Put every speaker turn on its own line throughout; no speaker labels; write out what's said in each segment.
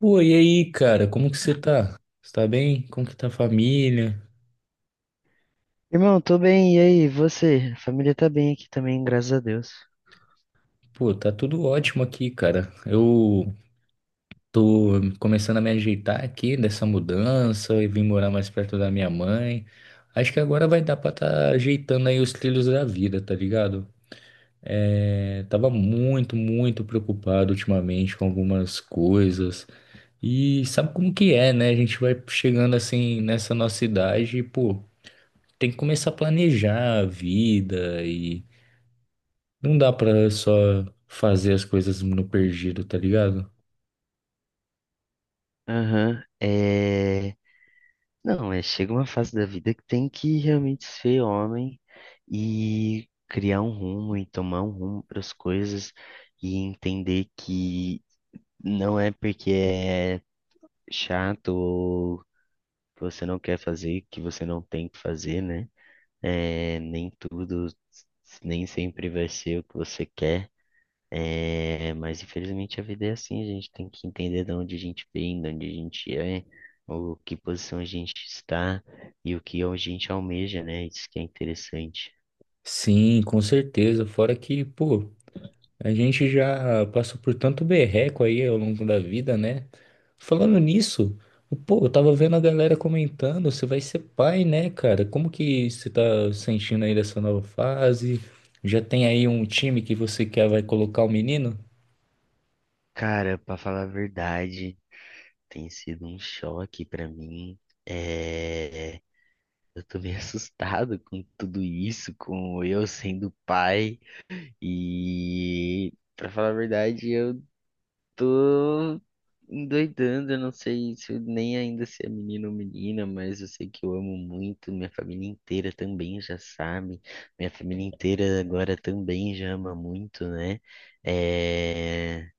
Pô, e aí, cara, como que você tá? Você tá bem? Como que tá a família?
Irmão, tô bem, e aí, você? A família tá bem aqui também, graças a Deus.
Pô, tá tudo ótimo aqui, cara. Eu tô começando a me ajeitar aqui dessa mudança e vim morar mais perto da minha mãe. Acho que agora vai dar pra tá ajeitando aí os trilhos da vida, tá ligado? É, tava muito preocupado ultimamente com algumas coisas. E sabe como que é, né? A gente vai chegando assim nessa nossa idade e, pô, tem que começar a planejar a vida e não dá pra só fazer as coisas no perdido, tá ligado?
Aham, Não, chega uma fase da vida que tem que realmente ser homem e criar um rumo e tomar um rumo para as coisas e entender que não é porque é chato ou você não quer fazer que você não tem que fazer, né? Nem tudo, nem sempre vai ser o que você quer. Mas infelizmente a vida é assim, a gente tem que entender de onde a gente vem, de onde a gente é, o que posição a gente está e o que a gente almeja, né? Isso que é interessante.
Sim, com certeza. Fora que, pô, a gente já passou por tanto berreco aí ao longo da vida, né? Falando nisso, pô, eu tava vendo a galera comentando, você vai ser pai, né, cara? Como que você tá sentindo aí dessa nova fase? Já tem aí um time que você quer vai colocar o menino?
Cara, pra falar a verdade, tem sido um choque pra mim. É, eu tô meio assustado com tudo isso, com eu sendo pai e, pra falar a verdade, eu tô endoidando, eu não sei se eu- nem ainda se é menino ou menina, mas eu sei que eu amo muito, minha família inteira também já sabe, minha família inteira agora também já ama muito, né? É...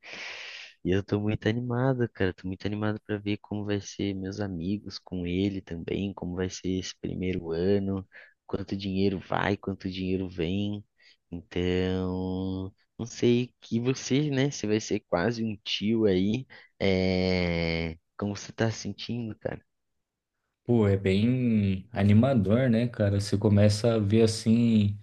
E eu tô muito animado, cara, tô muito animado pra ver como vai ser meus amigos com ele também, como vai ser esse primeiro ano, quanto dinheiro vai, quanto dinheiro vem, então. Não sei que você, né? Você vai ser quase um tio aí. Como você tá se sentindo, cara?
Pô, é bem animador, né, cara? Você começa a ver assim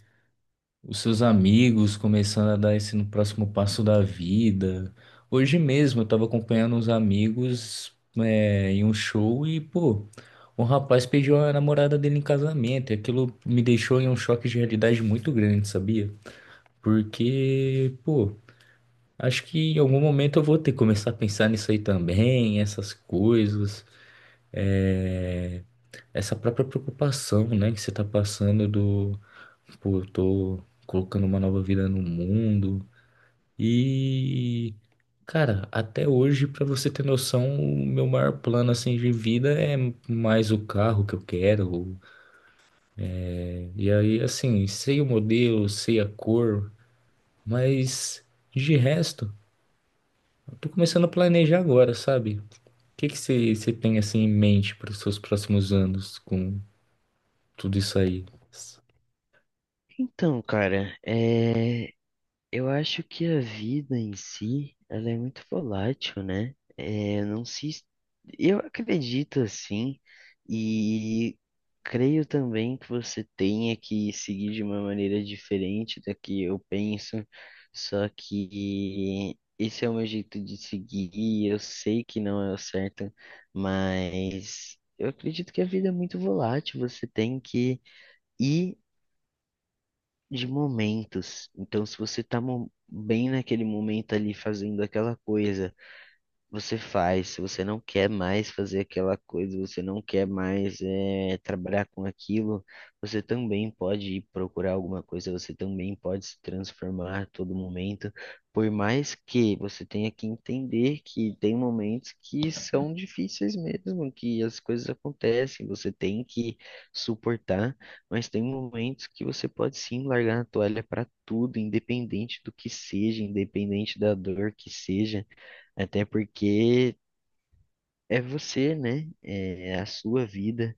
os seus amigos começando a dar esse no próximo passo da vida. Hoje mesmo eu tava acompanhando uns amigos em um show e, pô, um rapaz pediu a namorada dele em casamento e aquilo me deixou em um choque de realidade muito grande, sabia? Porque, pô, acho que em algum momento eu vou ter que começar a pensar nisso aí também, essas coisas, é, essa própria preocupação, né, que você tá passando do, pô, eu tô colocando uma nova vida no mundo. E, cara, até hoje, pra você ter noção, o meu maior plano assim de vida é mais o carro que eu quero. E aí, assim, sei o modelo, sei a cor, mas de resto, eu tô começando a planejar agora, sabe? O que que você tem assim em mente para os seus próximos anos com tudo isso aí?
Então, cara, eu acho que a vida em si, ela é muito volátil, né? É, não se, es- eu acredito assim e creio também que você tenha que seguir de uma maneira diferente da que eu penso. Só que esse é o meu jeito de seguir, e eu sei que não é o certo, mas eu acredito que a vida é muito volátil. Você tem que ir de momentos. Então, se você tá bem naquele momento ali fazendo aquela coisa, você faz, se você não quer mais fazer aquela coisa, você não quer mais trabalhar com aquilo, você também pode ir procurar alguma coisa, você também pode se transformar a todo momento, por mais que você tenha que entender que tem momentos que são difíceis mesmo, que as coisas acontecem, você tem que suportar, mas tem momentos que você pode sim largar a toalha para tudo, independente do que seja, independente da dor que seja. Até porque é você, né? É a sua vida.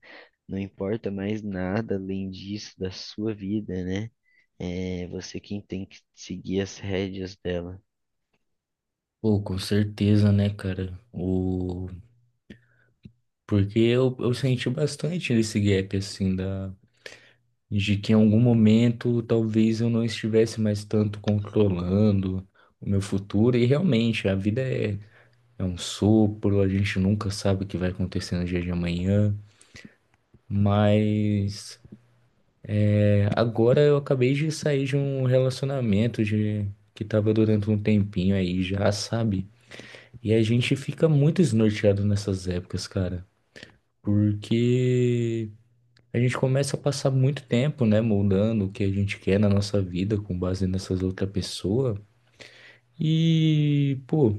Não importa mais nada além disso da sua vida, né? É você quem tem que seguir as rédeas dela.
Pô, com certeza, né, cara? O... Porque eu senti bastante esse gap, assim, da. De que em algum momento talvez eu não estivesse mais tanto controlando o meu futuro, e realmente a vida é, é um sopro, a gente nunca sabe o que vai acontecer no dia de amanhã, mas é, agora eu acabei de sair de um relacionamento de, que estava durando um tempinho aí já, sabe? E a gente fica muito desnorteado nessas épocas, cara, porque a gente começa a passar muito tempo, né, moldando o que a gente quer na nossa vida com base nessas outra pessoa. E, pô,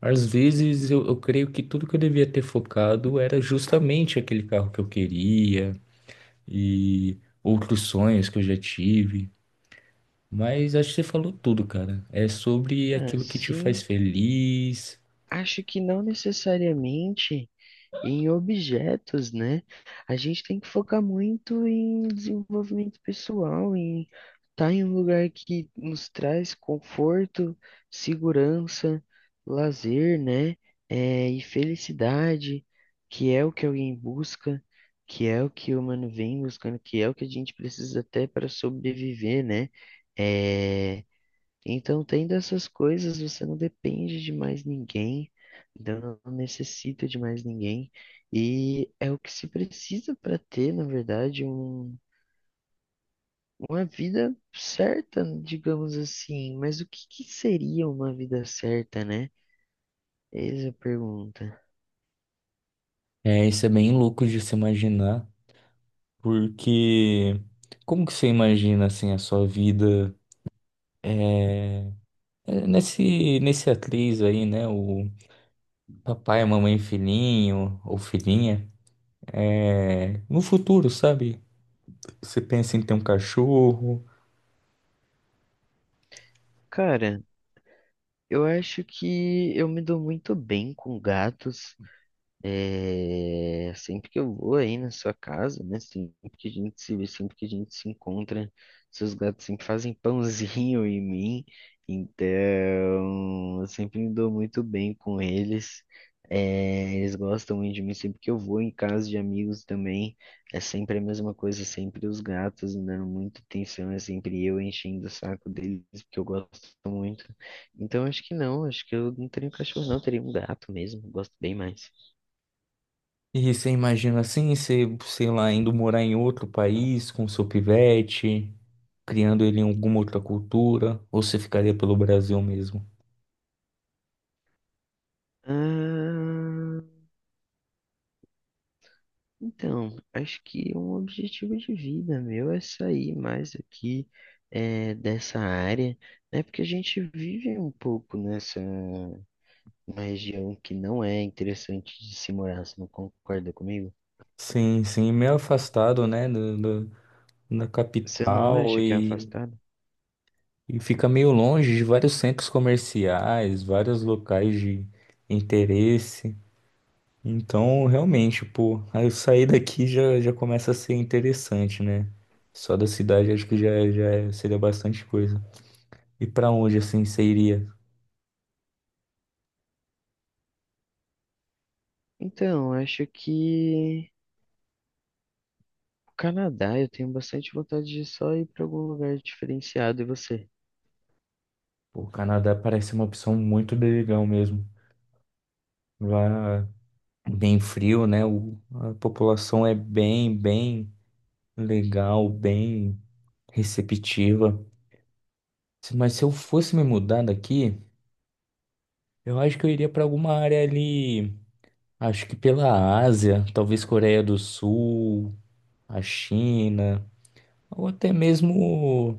às vezes eu creio que tudo que eu devia ter focado era justamente aquele carro que eu queria e outros sonhos que eu já tive. Mas acho que você falou tudo, cara. É sobre aquilo que te faz
Assim,
feliz.
acho que não necessariamente em objetos, né? A gente tem que focar muito em desenvolvimento pessoal, em estar em um lugar que nos traz conforto, segurança, lazer, né? E felicidade, que é o que alguém busca, que é o que o humano vem buscando, que é o que a gente precisa até para sobreviver, né? É, então, tendo essas coisas, você não depende de mais ninguém, então não necessita de mais ninguém, e é o que se precisa para ter, na verdade, uma vida certa, digamos assim. Mas o que que seria uma vida certa, né? Eis a pergunta.
É, isso é bem louco de se imaginar, porque como que você imagina assim a sua vida? É, É, Nesse atriz aí, né? O papai, a mamãe, e filhinho ou filhinha. É, no futuro, sabe? Você pensa em ter um cachorro.
Cara, eu acho que eu me dou muito bem com gatos. Sempre que eu vou aí na sua casa, né? Sempre que a gente se vê, sempre que a gente se encontra, seus gatos sempre fazem pãozinho em mim, então eu sempre me dou muito bem com eles. Eles gostam muito de mim, sempre que eu vou em casa de amigos também, é sempre a mesma coisa, sempre os gatos me dando muita atenção, é sempre eu enchendo o saco deles, porque eu gosto muito. Então acho que não, acho que eu não teria um cachorro, não, eu teria um gato mesmo, eu gosto bem mais.
E você imagina assim, você, sei lá, indo morar em outro país com seu pivete, criando ele em alguma outra cultura, ou você ficaria pelo Brasil mesmo?
Ah, então, acho que um objetivo de vida meu é sair mais aqui dessa área, né? Porque a gente vive um pouco nessa uma região que não é interessante de se morar, você não concorda comigo?
Sim, sim, meio afastado, né, do, do- da
Você não
capital.
acha que é afastado?
E fica meio longe de vários centros comerciais, vários locais de interesse. Então, realmente, pô, aí eu sair daqui já, já começa a ser interessante, né? Só da cidade acho que já, já é- seria bastante coisa. E pra onde assim você iria?
Então, acho que o Canadá, eu tenho bastante vontade de só ir para algum lugar diferenciado, e você?
Pô, o Canadá parece uma opção muito legal mesmo. Lá bem frio, né? O- a população é bem legal, bem receptiva. Se- Mas se eu fosse me mudar daqui. Eu acho que eu iria pra alguma área ali, acho que pela Ásia, talvez Coreia do Sul, a China, ou até mesmo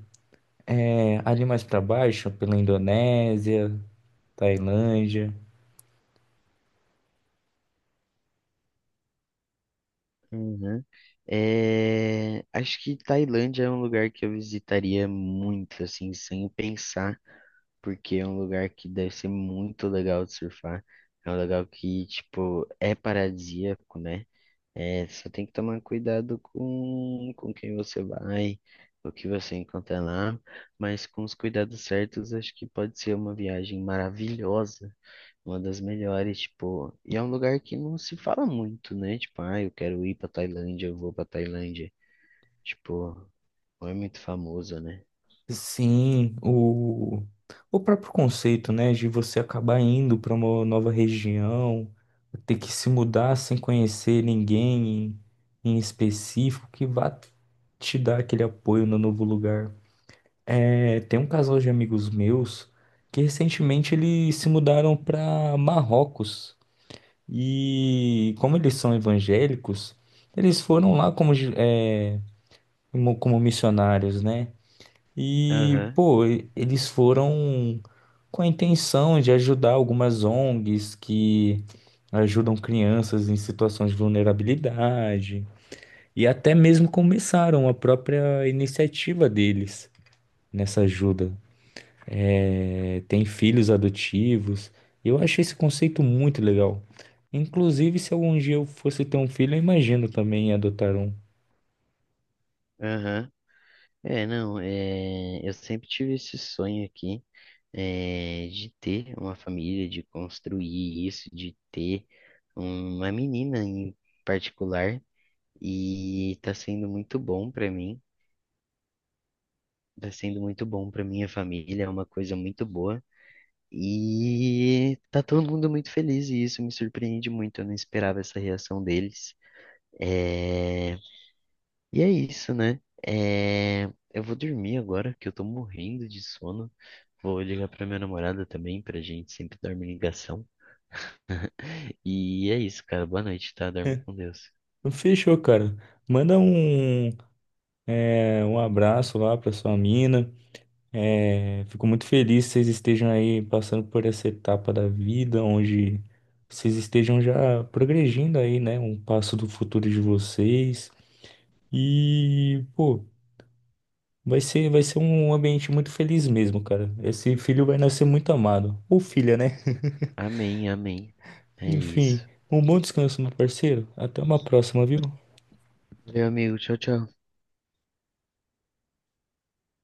é, ali mais pra baixo, pela Indonésia, Tailândia.
Uhum. Acho que Tailândia é um lugar que eu visitaria muito, assim, sem pensar, porque é um lugar que deve ser muito legal de surfar. É um lugar que, tipo, é paradisíaco, né? Só tem que tomar cuidado com quem você vai, o que você encontra lá, mas com os cuidados certos, acho que pode ser uma viagem maravilhosa. Uma das melhores, tipo, e é um lugar que não se fala muito, né? Tipo, ah, eu quero ir pra Tailândia, eu vou pra Tailândia. Tipo, não é muito famoso, né?
Sim, o próprio conceito, né, de você acabar indo para uma nova região, ter que se mudar sem conhecer ninguém em específico que vá te dar aquele apoio no novo lugar. É, tem um casal de amigos meus que recentemente eles se mudaram para Marrocos. E como eles são evangélicos, eles foram lá como, gi- é, como missionários, né? E,
Aham,
pô, e- eles foram com a intenção de ajudar algumas ONGs que ajudam crianças em situações de vulnerabilidade. E até mesmo começaram a própria iniciativa deles nessa ajuda. É, tem filhos adotivos. Eu achei esse conceito muito legal. Inclusive, se algum dia eu fosse ter um filho, eu imagino também adotar um.
aham. Não, eu sempre tive esse sonho aqui, de ter uma família, de construir isso, de ter uma menina em particular, e tá sendo muito bom pra mim, tá sendo muito bom pra minha família, é uma coisa muito boa. E tá todo mundo muito feliz e isso me surpreende muito. Eu não esperava essa reação deles. É... E é isso, né? É... Eu vou dormir agora, que eu tô morrendo de sono. Vou ligar pra minha namorada também, pra gente sempre dormir em ligação. E é isso, cara. Boa noite, tá? Dorme com Deus.
Então, fechou, cara. Manda um, é, um abraço lá pra sua mina. É, fico muito feliz que vocês estejam aí passando por essa etapa da vida, onde vocês estejam já progredindo aí, né? Um passo do futuro de vocês. E, pô. Vai ser um ambiente muito feliz mesmo, cara. Esse filho vai nascer muito amado. Ou filha, né?
Amém, amém. É
Enfim,
isso.
um bom descanso, meu parceiro. Até uma próxima, viu?
Meu amigo, tchau, tchau.